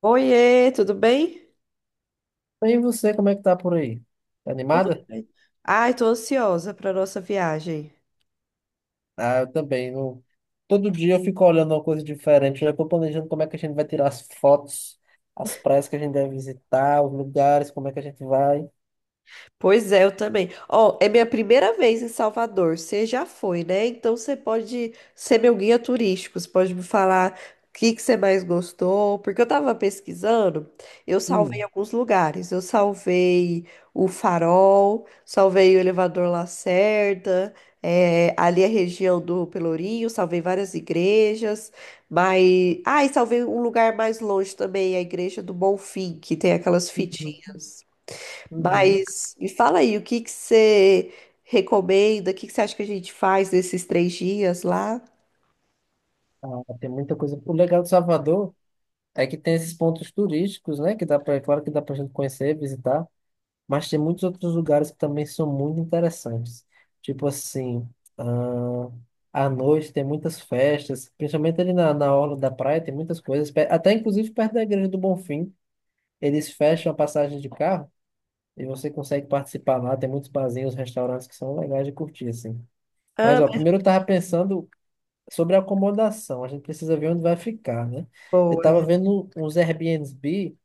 Oiê, tudo bem? Bem, você, como é que tá por aí? Tá Tudo animada? bem. Ai, tô ansiosa para nossa viagem. Ah, eu também. Todo dia eu fico olhando uma coisa diferente. Eu já tô planejando como é que a gente vai tirar as fotos, as praias que a gente deve visitar, os lugares, como é que a gente vai. Pois é, eu também. Ó, é minha primeira vez em Salvador. Você já foi, né? Então você pode ser meu guia turístico. Você pode me falar o que que você mais gostou. Porque eu tava pesquisando, eu salvei Hum, alguns lugares. Eu salvei o Farol, salvei o Elevador Lacerda, ali a região do Pelourinho, salvei várias igrejas. Mas. Ah, e salvei um lugar mais longe também, a Igreja do Bonfim, que tem aquelas uhum, fitinhas. uhum. Mas me fala aí, o que que você recomenda? O que que você acha que a gente faz nesses 3 dias lá? Ah, tem muita coisa. O legal de Salvador é que tem esses pontos turísticos, né? Que dá pra, é claro que dá pra gente conhecer, visitar. Mas tem muitos outros lugares que também são muito interessantes. Tipo assim, ah, à noite tem muitas festas, principalmente ali na orla da praia, tem muitas coisas. Até inclusive perto da Igreja do Bonfim, eles fecham a passagem de carro e você consegue participar lá. Tem muitos barzinhos, restaurantes que são legais de curtir, assim. Mas, Ah, ó, mas... primeiro eu tava pensando sobre a acomodação. A gente precisa ver onde vai ficar, né? Eu tava Boa. vendo uns Airbnb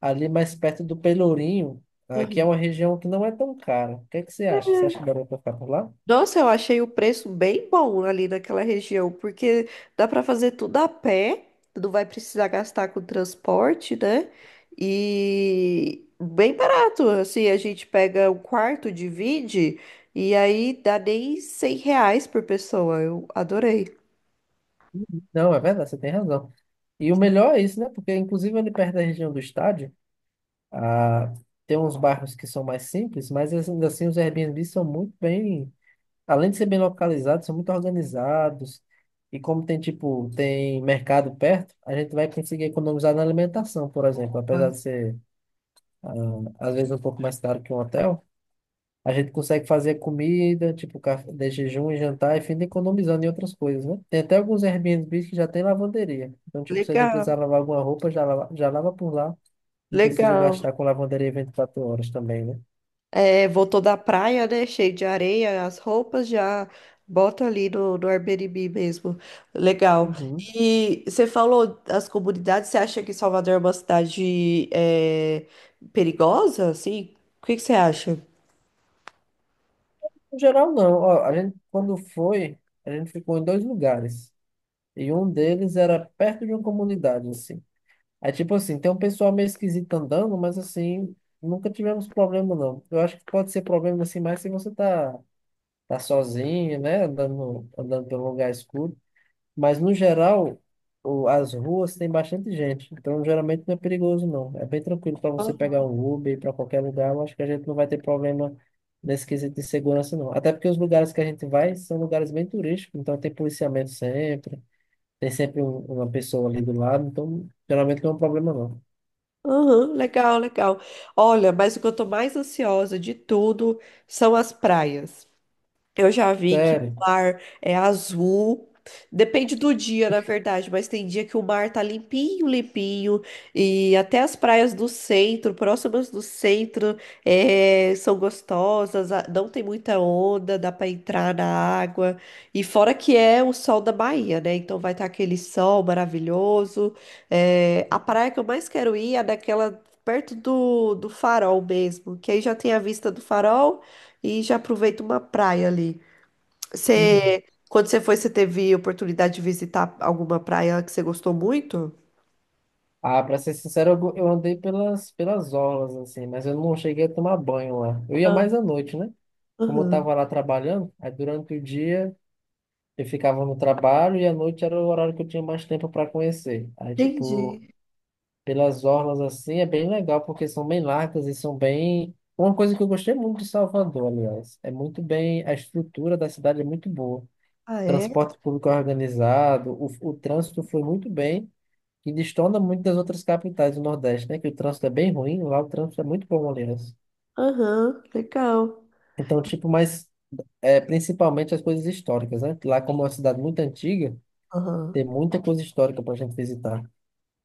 ali mais perto do Pelourinho, aqui é Uhum. uma região que não é tão cara. O que é que você acha? Você acha que daria para ficar por lá? Nossa, eu achei o preço bem bom ali naquela região, porque dá para fazer tudo a pé, não vai precisar gastar com transporte, né? E bem barato, assim, a gente pega um quarto, divide, e aí dá nem 100 reais por pessoa. Eu adorei. Não, é verdade, você tem razão. E o melhor é isso, né? Porque, inclusive, ali perto da região do estádio, ah, tem uns bairros que são mais simples, mas ainda assim os Airbnbs são muito bem, além de ser bem localizados, são muito organizados. E como tem, tipo, tem mercado perto, a gente vai conseguir economizar na alimentação, por exemplo, apesar de ser, ah, às vezes, um pouco mais caro que um hotel. A gente consegue fazer comida, tipo, café de jejum e jantar, e fim economizando em outras coisas, né? Tem até alguns Airbnbs que já tem lavanderia. Então, tipo, se a gente precisar Legal, lavar alguma roupa, já lava por lá. Não precisa legal. gastar com lavanderia 24 horas também, né? É, voltou da praia, né? Cheio de areia, as roupas já bota ali no Airbnb mesmo. Legal. Uhum. E você falou das comunidades, você acha que Salvador é uma cidade perigosa, assim? O que que você acha? No geral, não. Ó, a gente, quando foi, a gente ficou em dois lugares. E um deles era perto de uma comunidade, assim. Aí, tipo assim, tem um pessoal meio esquisito andando, mas assim, nunca tivemos problema, não. Eu acho que pode ser problema, assim, mais se você tá sozinho, né? Andando, andando pelo lugar escuro. Mas no geral, as ruas tem bastante gente. Então geralmente não é perigoso, não. É bem tranquilo para você Ah, pegar um Uber para qualquer lugar. Eu acho que a gente não vai ter problema nesse quesito de segurança, não. Até porque os lugares que a gente vai são lugares bem turísticos, então tem policiamento sempre. Tem sempre uma pessoa ali do lado, então geralmente não é um problema, não. aham, legal, legal. Olha, mas o que eu tô mais ansiosa de tudo são as praias. Eu já vi que o Sério. mar é azul. Depende do dia, na verdade, mas tem dia que o mar tá limpinho, limpinho, e até as praias do centro, próximas do centro, são gostosas, não tem muita onda, dá pra entrar na água. E fora que é o sol da Bahia, né? Então vai estar aquele sol maravilhoso. A praia que eu mais quero ir é daquela perto do farol mesmo, que aí já tem a vista do farol e já aproveita uma praia ali. Você, quando você foi, você teve oportunidade de visitar alguma praia que você gostou muito? Ah, pra ser sincero, eu andei pelas orlas, assim, mas eu não cheguei a tomar banho lá. Eu ia mais à noite, né? Como eu Aham, estava lá trabalhando, aí durante o dia eu ficava no trabalho e à noite era o horário que eu tinha mais tempo para conhecer. Aí, tipo, entendi. pelas orlas assim é bem legal, porque são bem largas e são bem. Uma coisa que eu gostei muito de Salvador, aliás, é muito bem, a estrutura da cidade é muito boa. Ah, é? Transporte público é organizado, o trânsito foi muito bem, e destona muito das outras capitais do Nordeste, né? Que o trânsito é bem ruim, lá o trânsito é muito bom, aliás. Aham, legal. Então, tipo, mas é, principalmente as coisas históricas, né? Lá, como é uma cidade muito antiga, Aham. tem muita coisa histórica para a gente visitar.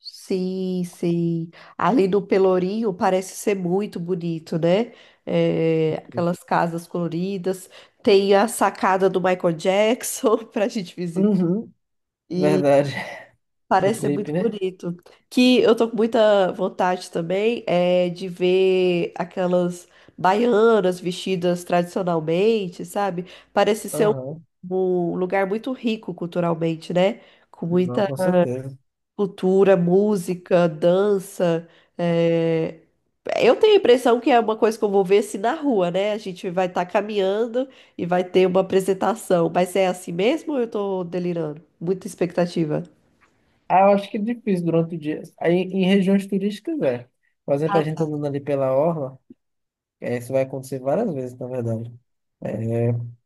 Sim, sim. Ali no Pelourinho parece ser muito bonito, né? É, aquelas casas coloridas. Tem a sacada do Michael Jackson para a gente visitar. Uhum. Verdade. Do Parece ser clipe, muito né? bonito. Que eu tô com muita vontade também é de ver aquelas baianas vestidas tradicionalmente, sabe? Parece ser um, Aham. um lugar muito rico culturalmente, né? Com Não, muita com certeza. cultura, música, dança. É. Eu tenho a impressão que é uma coisa que eu vou ver assim na rua, né? A gente vai estar caminhando e vai ter uma apresentação. Mas é assim mesmo ou eu tô delirando? Muita expectativa. Ah, eu acho que é difícil durante o dia. Aí, em regiões turísticas, é. Por exemplo, a gente Ah, andando ali pela orla, é, isso vai acontecer várias vezes, na verdade. O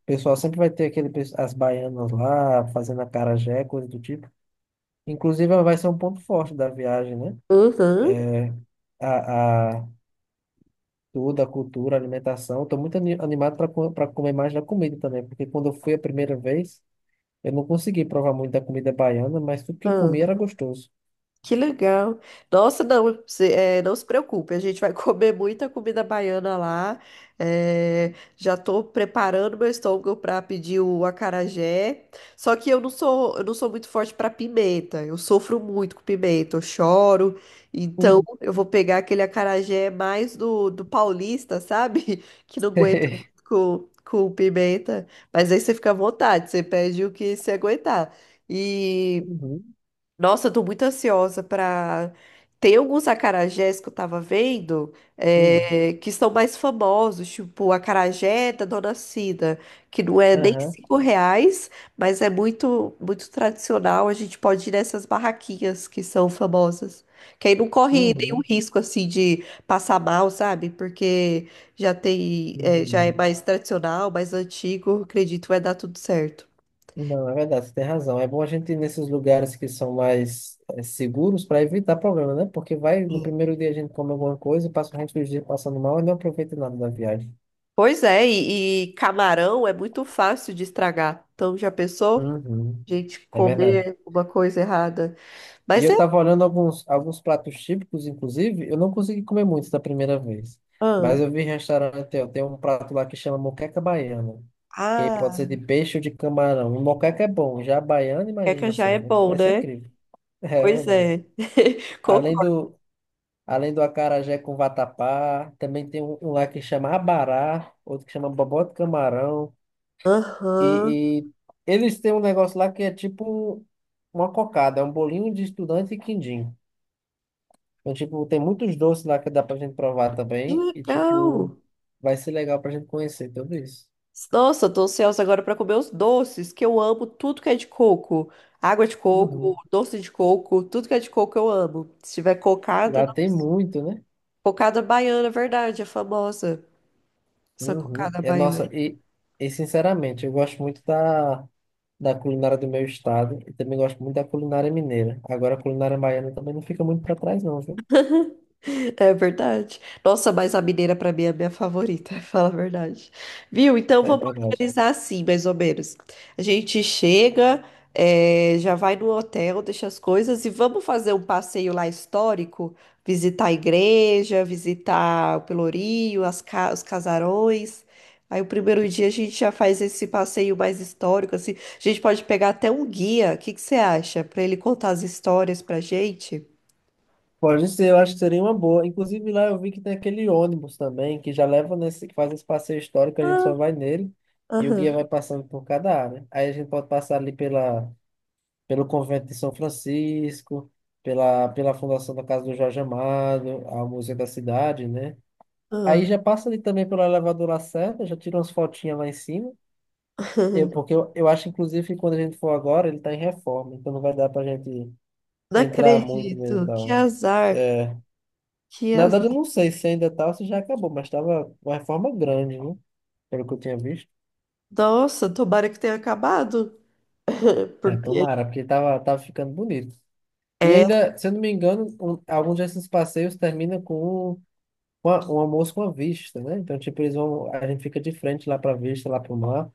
pessoal sempre vai ter aquele, as baianas lá, fazendo acarajé, coisa do tipo. Inclusive, vai ser um ponto forte da viagem, né? uhum. a Tudo, a cultura, a alimentação. Estou muito animado para comer mais da comida também, porque quando eu fui a primeira vez, eu não consegui provar muito da comida baiana, mas tudo que eu comi Ah, era gostoso. que legal. Nossa, não, é, não se preocupe, a gente vai comer muita comida baiana lá. É, já estou preparando meu estômago para pedir o acarajé. Só que eu não sou muito forte para pimenta. Eu sofro muito com pimenta, eu choro. Então Uhum. eu vou pegar aquele acarajé mais do paulista, sabe? Que não aguenta muito com pimenta. Mas aí você fica à vontade, você pede o que você aguentar. E Uhum. nossa, eu tô muito ansiosa pra. Tem alguns acarajés que eu tava vendo Uhum. Que são mais famosos, tipo o acarajé da Dona Cida, que não é nem Aham. 5 reais, mas é muito muito tradicional. A gente pode ir nessas barraquinhas que são famosas, que aí não corre nenhum Uhum. risco assim de passar mal, sabe? Porque já tem já é Uhum. mais tradicional, mais antigo, acredito vai dar tudo certo. Não, é verdade, você tem razão. É bom a gente ir nesses lugares que são mais seguros para evitar problema, né? Porque vai, no primeiro dia a gente come alguma coisa e passa o resto dos dias passando mal e não aproveita nada da viagem. Pois é, e camarão é muito fácil de estragar. Então, já pensou? A Uhum. gente É verdade. comer uma coisa errada. E Mas eu é. estava olhando alguns pratos típicos, inclusive, eu não consegui comer muitos da primeira vez. Ah, Mas eu vi em restaurante, ó, tem um prato lá que chama moqueca baiana. Que aí pode ah, ser de peixe ou de camarão. E moqueca é bom, já a baiana, queca imagina já é só, bom, vai ser né? incrível. É Pois verdade. é. Além Concordo. do, além do acarajé com vatapá, também tem um, um lá que chama abará, outro que chama bobó de camarão. Aham. E eles têm um negócio lá que é tipo uma cocada, é um bolinho de estudante e quindim. Então, tipo, tem muitos doces lá que dá pra gente provar Que também. E, legal. tipo, vai ser legal pra gente conhecer tudo isso. Nossa, eu tô ansiosa agora pra comer os doces, que eu amo tudo que é de coco. Água de coco, Uhum. doce de coco, tudo que é de coco eu amo. Se tiver E cocada, lá tem muito, né? cocada baiana, é verdade, é famosa. Essa Uhum. cocada E, baiana. nossa, e sinceramente, eu gosto muito da culinária do meu estado. E também gosto muito da culinária mineira. Agora, a culinária baiana também não fica muito para trás, não, viu? É verdade. Nossa, mas a mineira pra mim é a minha favorita, fala a verdade. Viu? Então É vamos verdade. organizar assim, mais ou menos. A gente chega, já vai no hotel, deixa as coisas e vamos fazer um passeio lá histórico, visitar a igreja, visitar o Pelourinho, os casarões. Aí o primeiro dia a gente já faz esse passeio mais histórico, assim. A gente pode pegar até um guia. O que que você acha? Pra ele contar as histórias pra gente. Pode ser, eu acho que seria uma boa. Inclusive lá eu vi que tem aquele ônibus também, que já leva nesse, que faz esse passeio histórico, a gente Ah, só vai nele e o guia aham. vai passando por cada área. Aí a gente pode passar ali pelo convento de São Francisco, pela fundação da Casa do Jorge Amado, a Museu da Cidade, né? Aí já passa ali também pelo elevador Lacerda, já tira umas fotinhas lá em cima. Eu acho, inclusive, que quando a gente for agora, ele está em reforma, então não vai dar pra gente Não entrar muito nele e acredito. Que tal. azar. Que Na azar. verdade, eu não sei se ainda tá ou se já acabou, mas tava uma reforma grande, né? Pelo que eu tinha visto. Nossa, tomara que tenha acabado. É, Porque tomara, porque tava ficando bonito. E é. ainda, se eu não me engano, alguns desses passeios terminam com um, um almoço com a vista, né? Então, tipo, eles vão, a gente fica de frente lá pra vista, lá pro mar,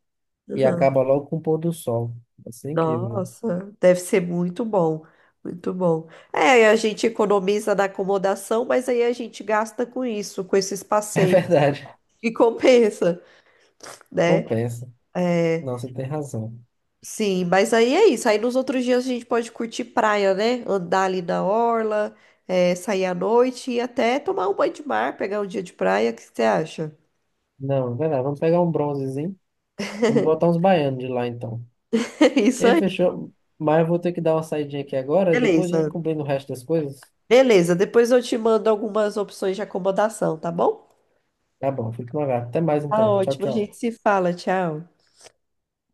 e Uhum. acaba logo com o pôr do sol. Vai ser incrível. Nossa, deve ser muito bom. Muito bom. É, aí a gente economiza na acomodação, mas aí a gente gasta com isso, com esses É passeios. verdade. E compensa, né? Compensa. É, Não, você tem razão. sim, mas aí é isso. Aí nos outros dias a gente pode curtir praia, né? Andar ali na orla, é, sair à noite e até tomar um banho de mar, pegar um dia de praia. O que você acha? Não, é verdade. Vamos pegar um bronzezinho. Vamos botar uns baianos de lá, então. Isso Ei, fechou. Mas eu vou ter que dar uma saidinha aqui agora. Depois a gente beleza, combina o resto das coisas. beleza. Depois eu te mando algumas opções de acomodação, tá bom? Tá bom, fica no lugar. Até mais Tá então. Tchau, ótimo, a tchau. gente se fala, tchau.